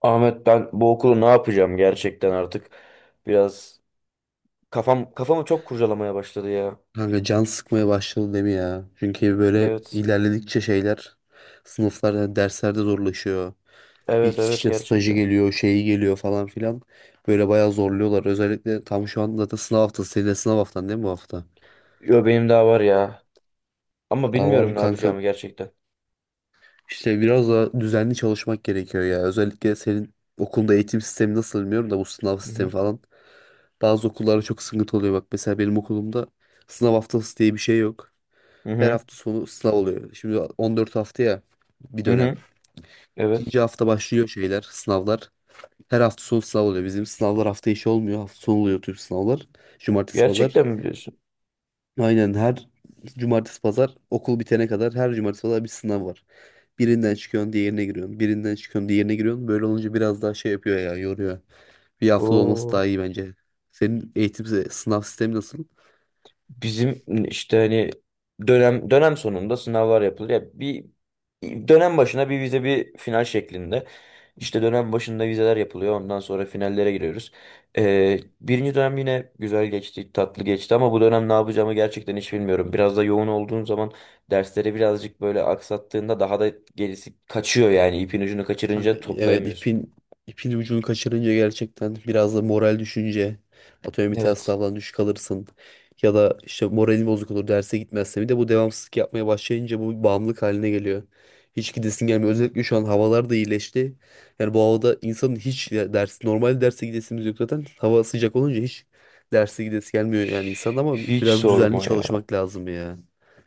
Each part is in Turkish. Ahmet, ben bu okulu ne yapacağım gerçekten artık biraz kafamı çok kurcalamaya başladı ya. Kanka can sıkmaya başladı değil mi ya? Çünkü böyle Evet. ilerledikçe şeyler sınıflarda, derslerde zorlaşıyor. Evet, Bir evet, işte stajı gerçekten. geliyor, şeyi geliyor falan filan. Böyle bayağı zorluyorlar. Özellikle tam şu anda zaten sınav haftası. Senin de sınav haftan değil mi bu hafta? Yo, benim daha var ya. Ama Daha var bilmiyorum mı ne kanka? yapacağımı gerçekten. İşte biraz da düzenli çalışmak gerekiyor ya. Özellikle senin okulda eğitim sistemi nasıl bilmiyorum da bu sınav Hı sistemi hı. falan. Bazı okullarda çok sıkıntı oluyor. Bak mesela benim okulumda sınav haftası diye bir şey yok. Hı Her hı. hafta sonu sınav oluyor. Şimdi 14 hafta ya bir Hı dönem. hı. Evet. İkinci hafta başlıyor şeyler, sınavlar. Her hafta sonu sınav oluyor. Bizim sınavlar hafta içi olmuyor. Hafta sonu oluyor tüm sınavlar. Cumartesi, pazar. Gerçekten mi biliyorsun? Aynen her cumartesi, pazar okul bitene kadar her cumartesi, pazar bir sınav var. Birinden çıkıyorsun, diğerine giriyorsun. Birinden çıkıyorsun, diğerine giriyorsun. Böyle olunca biraz daha şey yapıyor ya, yoruyor. Bir hafta olması Oo. daha iyi bence. Senin eğitim sınav sistemi nasıl? Bizim işte hani dönem sonunda sınavlar yapılır. Ya bir dönem başına bir vize bir final şeklinde. İşte dönem başında vizeler yapılıyor. Ondan sonra finallere giriyoruz. Birinci dönem yine güzel geçti, tatlı geçti ama bu dönem ne yapacağımı gerçekten hiç bilmiyorum. Biraz da yoğun olduğum zaman dersleri birazcık böyle aksattığında daha da gerisi kaçıyor yani ipin ucunu Kanka, kaçırınca evet, toplayamıyorsun. ipin ucunu kaçırınca gerçekten biraz da moral düşünce atıyorum bir test Evet. sınavdan düşük alırsın, ya da işte moralin bozuk olur derse gitmezse bir de bu devamsızlık yapmaya başlayınca bu bir bağımlılık haline geliyor. Hiç gidesin gelmiyor. Özellikle şu an havalar da iyileşti. Yani bu havada insanın hiç ya ders normal derse gidesimiz yok zaten. Hava sıcak olunca hiç derse gidesi gelmiyor yani insan, ama Hiç biraz düzenli sorma ya. çalışmak lazım ya.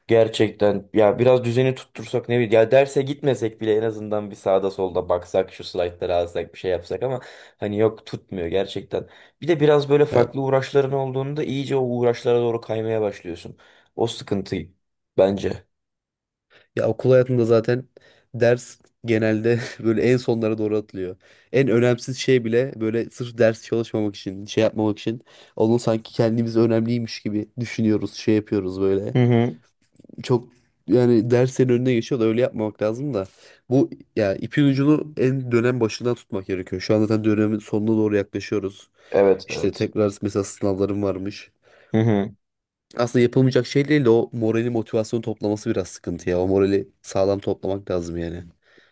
Gerçekten ya biraz düzeni tuttursak ne bileyim ya derse gitmesek bile en azından bir sağda solda baksak şu slaytları alsak bir şey yapsak ama hani yok tutmuyor gerçekten. Bir de biraz böyle Ya farklı uğraşların olduğunda iyice o uğraşlara doğru kaymaya başlıyorsun. O sıkıntı bence. Ya okul hayatında zaten ders genelde böyle en sonlara doğru atılıyor. En önemsiz şey bile böyle sırf ders çalışmamak için, şey yapmamak için onu sanki kendimiz önemliymiş gibi düşünüyoruz, şey yapıyoruz böyle. Hı hı. Çok yani derslerin önüne geçiyor da öyle yapmamak lazım da. Bu ya ipin ucunu en dönem başından tutmak gerekiyor. Şu an zaten dönemin sonuna doğru yaklaşıyoruz. Evet, İşte evet. tekrar mesela sınavlarım varmış. Hı hı. Aslında yapılmayacak şey değil de o morali motivasyonu toplaması biraz sıkıntı ya. O morali sağlam toplamak lazım yani.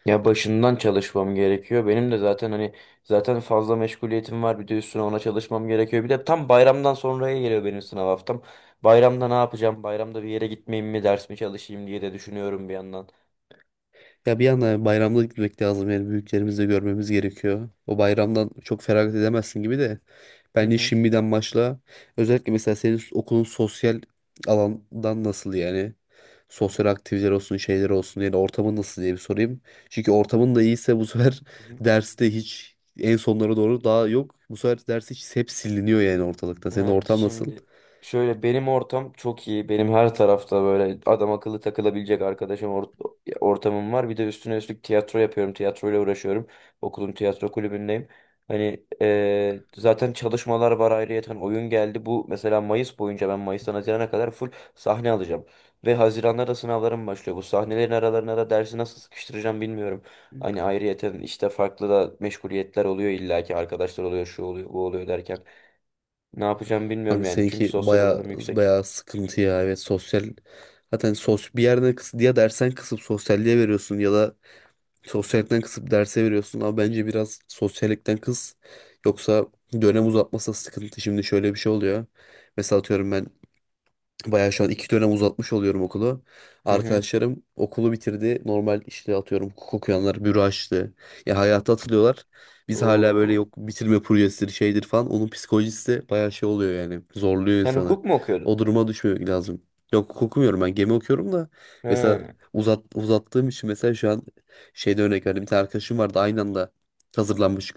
Ya başından çalışmam gerekiyor. Benim de zaten hani zaten fazla meşguliyetim var. Bir de üstüne ona çalışmam gerekiyor. Bir de tam bayramdan sonraya geliyor benim sınav haftam. Bayramda ne yapacağım? Bayramda bir yere gitmeyeyim mi, ders mi çalışayım diye de düşünüyorum bir yandan. Ya bir yandan bayramda gitmek lazım yani büyüklerimizi de görmemiz gerekiyor. O bayramdan çok feragat edemezsin gibi de. Hı Bence hı. şimdiden başla. Özellikle mesela senin okulun sosyal alandan nasıl yani? Sosyal aktiviteler olsun, şeyler olsun yani ortamın nasıl diye bir sorayım. Çünkü ortamın da iyiyse bu sefer Hı hı. derste hiç en sonlara doğru daha yok. Bu sefer ders hiç hep siliniyor yani ortalıkta. Senin Ha, ortam nasıl? şimdi şöyle benim ortam çok iyi. Benim her tarafta böyle adam akıllı takılabilecek arkadaşım ortamım var. Bir de üstüne üstlük tiyatro yapıyorum. Tiyatroyla uğraşıyorum. Okulun tiyatro kulübündeyim. Hani zaten çalışmalar var ayrıyeten. Hani oyun geldi. Bu mesela Mayıs boyunca ben Mayıs'tan Haziran'a kadar full sahne alacağım. Ve Haziran'da da sınavlarım başlıyor. Bu sahnelerin aralarına da dersi nasıl sıkıştıracağım bilmiyorum. Hani ayrıyeten işte farklı da meşguliyetler oluyor, illaki arkadaşlar oluyor, şu oluyor bu oluyor derken. Ne yapacağımı bilmiyorum Kanka yani. Çünkü seninki sosyal baya alanım yüksek. baya sıkıntı ya. Evet sosyal zaten sos bir yerden kıs ya dersen kısıp sosyalliğe veriyorsun ya da sosyallikten kısıp derse veriyorsun. Ama bence biraz sosyallikten kıs. Yoksa dönem uzatması da sıkıntı. Şimdi şöyle bir şey oluyor. Mesela atıyorum ben bayağı şu an iki dönem uzatmış oluyorum okulu. Hı hı. Arkadaşlarım okulu bitirdi. Normal işte atıyorum hukuk okuyanlar büro açtı. Ya hayata atılıyorlar. Biz hala böyle Oo. yok bitirme projesidir şeydir falan. Onun psikolojisi de bayağı şey oluyor yani. Zorluyor Sen insanı. hukuk mu okuyordun? O duruma düşmemek lazım. Yok hukuk okumuyorum, ben gemi okuyorum da. Hı Mesela uzattığım için mesela şu an şeyde örnek verdim. Bir tane arkadaşım vardı aynı anda hazırlanmış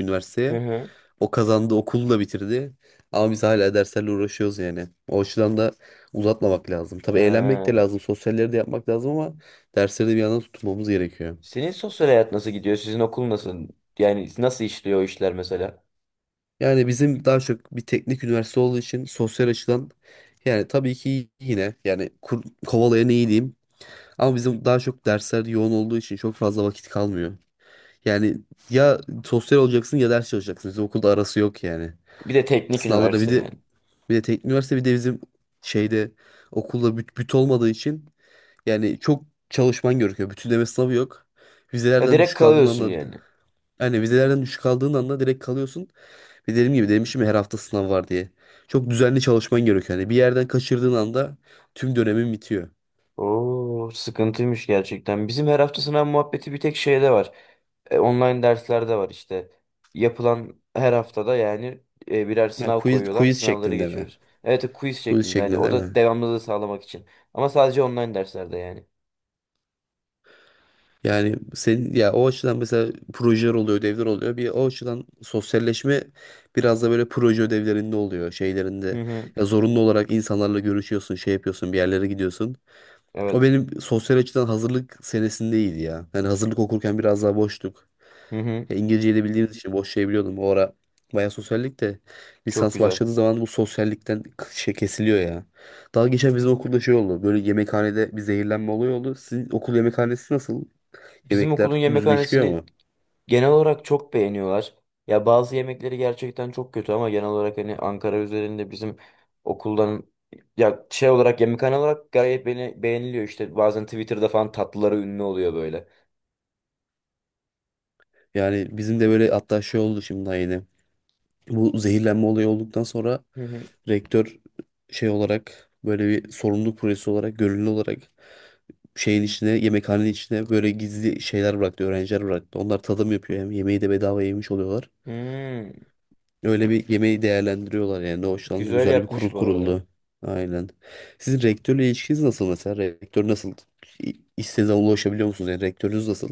hı. üniversiteye. Hı. O kazandı, okulu da bitirdi. Ama biz hala derslerle uğraşıyoruz yani. O açıdan da uzatmamak lazım. Tabii eğlenmek de Ha. lazım, sosyalleri de yapmak lazım ama dersleri de bir yandan tutmamız gerekiyor. Senin sosyal hayat nasıl gidiyor? Sizin okul nasıl? Yani nasıl işliyor o işler mesela? Yani bizim daha çok bir teknik üniversite olduğu için sosyal açıdan yani tabii ki yine yani kovalayan iyi diyeyim. Ama bizim daha çok dersler yoğun olduğu için çok fazla vakit kalmıyor. Yani ya sosyal olacaksın ya ders çalışacaksın. Bizim okulda arası yok yani. Bir de teknik Sınavlarda bir üniversite de yani. bir de teknik üniversite bir de bizim şeyde okulda büt olmadığı için yani çok çalışman gerekiyor. Bütünleme sınavı yok. Ya Vizelerden direkt düşük aldığın kalıyorsun anda yani. yani vizelerden düşük aldığın anda direkt kalıyorsun. Ve dediğim gibi demişim ya her hafta sınav var diye. Çok düzenli çalışman gerekiyor. Yani bir yerden kaçırdığın anda tüm dönemin bitiyor. Oo, sıkıntıymış gerçekten. Bizim her hafta sınav muhabbeti bir tek şeyde var. E, online dersler de var işte. Yapılan her haftada yani birer Yani sınav quiz, koyuyorlar. quiz Sınavları şeklinde mi? geçiyoruz. Evet, quiz Quiz şeklinde, hani şeklinde o değil da mi? devamlılığı sağlamak için. Ama sadece online derslerde yani. Yani senin ya o açıdan mesela projeler oluyor, ödevler oluyor. Bir o açıdan sosyalleşme biraz da böyle proje ödevlerinde oluyor, Hı şeylerinde. hı. Ya zorunlu olarak insanlarla görüşüyorsun, şey yapıyorsun, bir yerlere gidiyorsun. O Evet. benim sosyal açıdan hazırlık senesindeydi ya. Yani hazırlık okurken biraz daha boştuk. Hı hı. Ya İngilizceyi de bildiğimiz için boş şey biliyordum. O ara bayağı sosyallik de Çok lisans güzel. başladığı zaman bu sosyallikten şey kesiliyor ya. Daha geçen bizim okulda şey oldu. Böyle yemekhanede bir zehirlenme olayı oldu. Sizin okul yemekhanesi nasıl? Bizim Yemekler okulun düzgün çıkıyor yemekhanesini mu? genel olarak çok beğeniyorlar. Ya bazı yemekleri gerçekten çok kötü ama genel olarak hani Ankara üzerinde bizim okuldan, ya şey olarak, yemekhane olarak gayet beğeniliyor işte. Bazen Twitter'da falan tatlıları ünlü oluyor böyle. Yani bizim de böyle hatta şey oldu şimdi daha yeni. Bu zehirlenme olayı olduktan sonra Hı hı. rektör şey olarak böyle bir sorumluluk projesi olarak gönüllü olarak şeyin içine yemekhanenin içine böyle gizli şeyler bıraktı öğrenciler bıraktı. Onlar tadım yapıyor hem yemeği de bedava yemiş oluyorlar. Hmm. Öyle bir yemeği değerlendiriyorlar yani. Ne hoşlandı, Güzel güzel bir kurul yapmış bu arada. kuruldu. Aynen. Sizin rektörle ilişkiniz nasıl mesela? Rektör nasıl? İstediğiniz zaman ulaşabiliyor musunuz? Yani rektörünüz nasıl?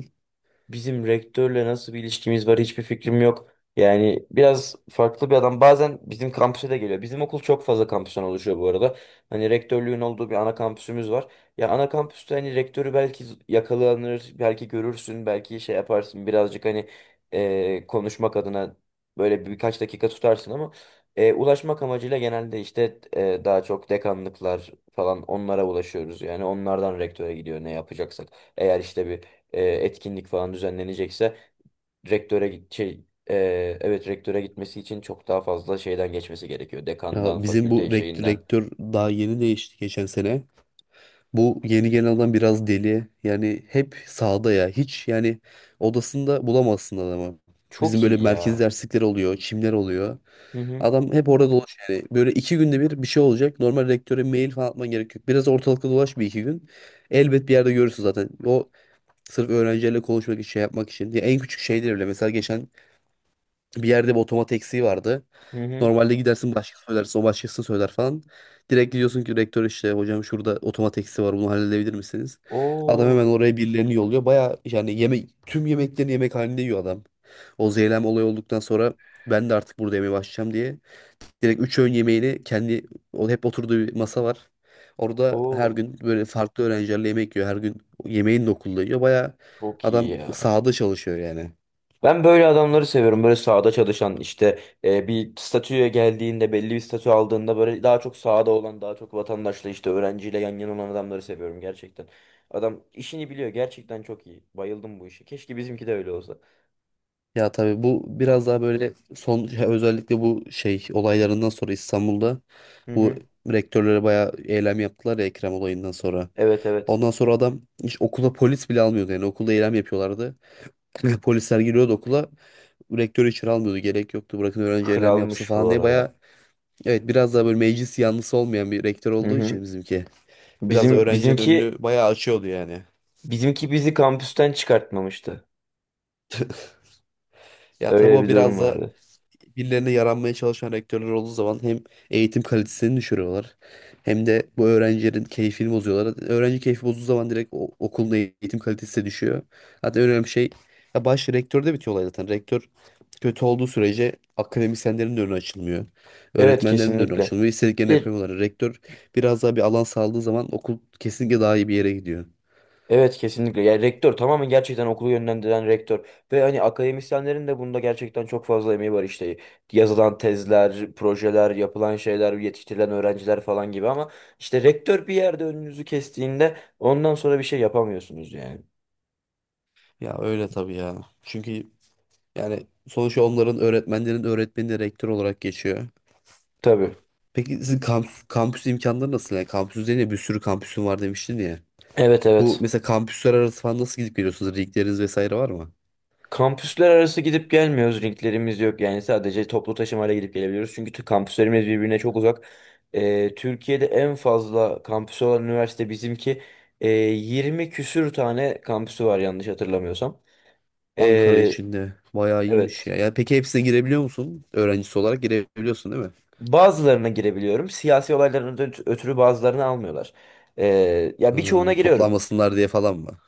Bizim rektörle nasıl bir ilişkimiz var hiçbir fikrim yok. Yani biraz farklı bir adam. Bazen bizim kampüse de geliyor. Bizim okul çok fazla kampüsten oluşuyor bu arada. Hani rektörlüğün olduğu bir ana kampüsümüz var. Ya ana kampüste hani rektörü belki yakalanır, belki görürsün, belki şey yaparsın. Birazcık hani konuşmak adına böyle birkaç dakika tutarsın ama ulaşmak amacıyla genelde işte daha çok dekanlıklar falan, onlara ulaşıyoruz. Yani onlardan rektöre gidiyor ne yapacaksak. Eğer işte bir etkinlik falan düzenlenecekse, rektöre git- şey e, evet, rektöre gitmesi için çok daha fazla şeyden geçmesi gerekiyor. Dekandan, Ya bizim bu fakülte rektör, şeyinden. rektör daha yeni değişti geçen sene. Bu yeni gelen adam biraz deli. Yani hep sağda ya. Hiç yani odasında bulamazsın adamı. Bizim Çok böyle iyi merkez ya. derslikleri oluyor, çimler oluyor. Hı hı. Adam hep orada dolaş yani. Böyle iki günde bir şey olacak. Normal rektöre mail falan atman gerek yok. Biraz ortalıkta dolaş bir iki gün. Elbet bir yerde görürsün zaten. O sırf öğrencilerle konuşmak için, şey yapmak için. Ya en küçük şeyler bile. Mesela geçen bir yerde bir otomat eksiği vardı. Hı hı. Normalde gidersin başkası söylerse o başkası söyler falan. Direkt diyorsun ki rektör işte hocam şurada otomat eksiği var bunu halledebilir misiniz? Adam hemen Oo, oraya birilerini yolluyor. Baya yani yemek tüm yemeklerini yemek halinde yiyor adam. O zeylem olayı olduktan sonra ben de artık burada yemeye başlayacağım diye. Direkt üç öğün yemeğini kendi o hep oturduğu masa var. Orada her oo, gün böyle farklı öğrencilerle yemek yiyor. Her gün yemeğini de okulda yiyor. Baya çok iyi adam ya. sahada çalışıyor yani. Ben böyle adamları seviyorum. Böyle sahada çalışan işte, bir statüye geldiğinde, belli bir statü aldığında böyle daha çok sahada olan, daha çok vatandaşla işte, öğrenciyle yan yana olan adamları seviyorum gerçekten. Adam işini biliyor. Gerçekten çok iyi. Bayıldım bu işe. Keşke bizimki de öyle olsa. Ya tabii bu biraz daha böyle son ya özellikle bu şey olaylarından sonra İstanbul'da Hı bu hı. rektörlere bayağı eylem yaptılar ya Ekrem olayından sonra. Evet, evet. Ondan sonra adam hiç okula polis bile almıyordu yani okulda eylem yapıyorlardı. Polisler giriyordu okula, rektörü içeri almıyordu, gerek yoktu bırakın öğrenci eylem yapsın Kralmış falan bu diye bayağı arada. evet biraz daha böyle meclis yanlısı olmayan bir rektör Hı olduğu hı. için bizimki biraz da Bizim öğrencinin önünü bizimki bayağı açıyordu yani. bizimki bizi kampüsten çıkartmamıştı. Ya tabii Öyle o bir durum biraz da vardı. birilerine yaranmaya çalışan rektörler olduğu zaman hem eğitim kalitesini düşürüyorlar hem de bu öğrencilerin keyfini bozuyorlar. Öğrenci keyfi bozduğu zaman direkt okulun eğitim kalitesi de düşüyor. Hatta en önemli şey ya baş rektörde bitiyor olay zaten. Rektör kötü olduğu sürece akademisyenlerin de önü açılmıyor. Evet, Öğretmenlerin de önü kesinlikle. açılmıyor. Bir İstediklerini de yapamıyorlar. Rektör biraz daha bir alan sağladığı zaman okul kesinlikle daha iyi bir yere gidiyor. evet, kesinlikle. Yani rektör tamamen gerçekten okulu yönlendiren rektör. Ve hani akademisyenlerin de bunda gerçekten çok fazla emeği var işte. Yazılan tezler, projeler, yapılan şeyler, yetiştirilen öğrenciler falan gibi ama işte rektör bir yerde önünüzü kestiğinde ondan sonra bir şey yapamıyorsunuz yani. Ya öyle tabii ya. Çünkü yani sonuçta onların öğretmenlerin öğretmeni de rektör olarak geçiyor. Tabii. Peki sizin kampüs imkanları nasıl? Yani kampüs üzerine bir sürü kampüsün var demiştin ya. Evet, Bu evet. mesela kampüsler arası falan nasıl gidip geliyorsunuz? Ligleriniz vesaire var mı? Kampüsler arası gidip gelmiyoruz. Linklerimiz yok. Yani sadece toplu taşımayla gidip gelebiliyoruz. Çünkü kampüslerimiz birbirine çok uzak. Türkiye'de en fazla kampüsü olan üniversite bizimki. 20 küsür tane kampüsü var yanlış hatırlamıyorsam. Ankara Ee, içinde bayağı iyiymiş evet. ya. Yani peki hepsine girebiliyor musun? Öğrencisi olarak girebiliyorsun değil mi? Bazılarına girebiliyorum. Siyasi olaylardan ötürü bazılarını almıyorlar. Ya birçoğuna giriyorum. Toplanmasınlar diye falan mı?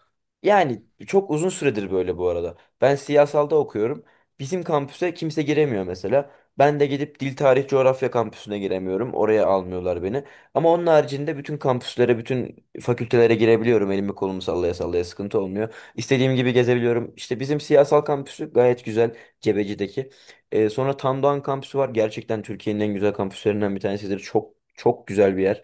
Yani çok uzun süredir böyle bu arada. Ben siyasalda okuyorum. Bizim kampüse kimse giremiyor mesela. Ben de gidip Dil Tarih Coğrafya kampüsüne giremiyorum. Oraya almıyorlar beni. Ama onun haricinde bütün kampüslere, bütün fakültelere girebiliyorum. Elimi kolumu sallaya sallaya, sıkıntı olmuyor. İstediğim gibi gezebiliyorum. İşte bizim siyasal kampüsü gayet güzel. Cebeci'deki. Sonra Tandoğan kampüsü var. Gerçekten Türkiye'nin en güzel kampüslerinden bir tanesidir. Çok çok güzel bir yer.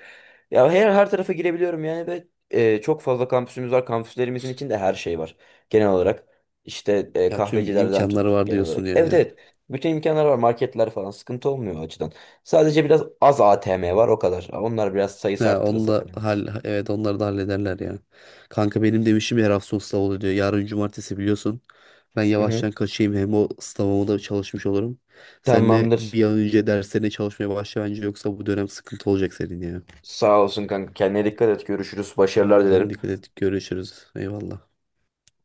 Ya her tarafa girebiliyorum yani ve çok fazla kampüsümüz var. Kampüslerimizin içinde her şey var. Genel olarak işte Ya tüm kahvecilerden tut, imkanları var genel diyorsun olarak. Evet, yani. evet. Bütün imkanlar var. Marketler falan sıkıntı olmuyor o açıdan. Sadece biraz az ATM var o kadar. Onlar biraz sayısı He, onu arttırılsa da falan. hal evet onları da hallederler ya. Kanka benim demişim işim her hafta sonu sınav oluyor diyor. Yarın cumartesi biliyorsun. Ben Hı hı. yavaştan kaçayım hem o sınavıma da çalışmış olurum. Sen de Tamamdır. bir an önce derslerine çalışmaya başla bence yoksa bu dönem sıkıntı olacak senin ya. Sağ olsun kanka. Kendine dikkat et. Görüşürüz. Başarılar Tamam sen dilerim. dikkat et, görüşürüz. Eyvallah.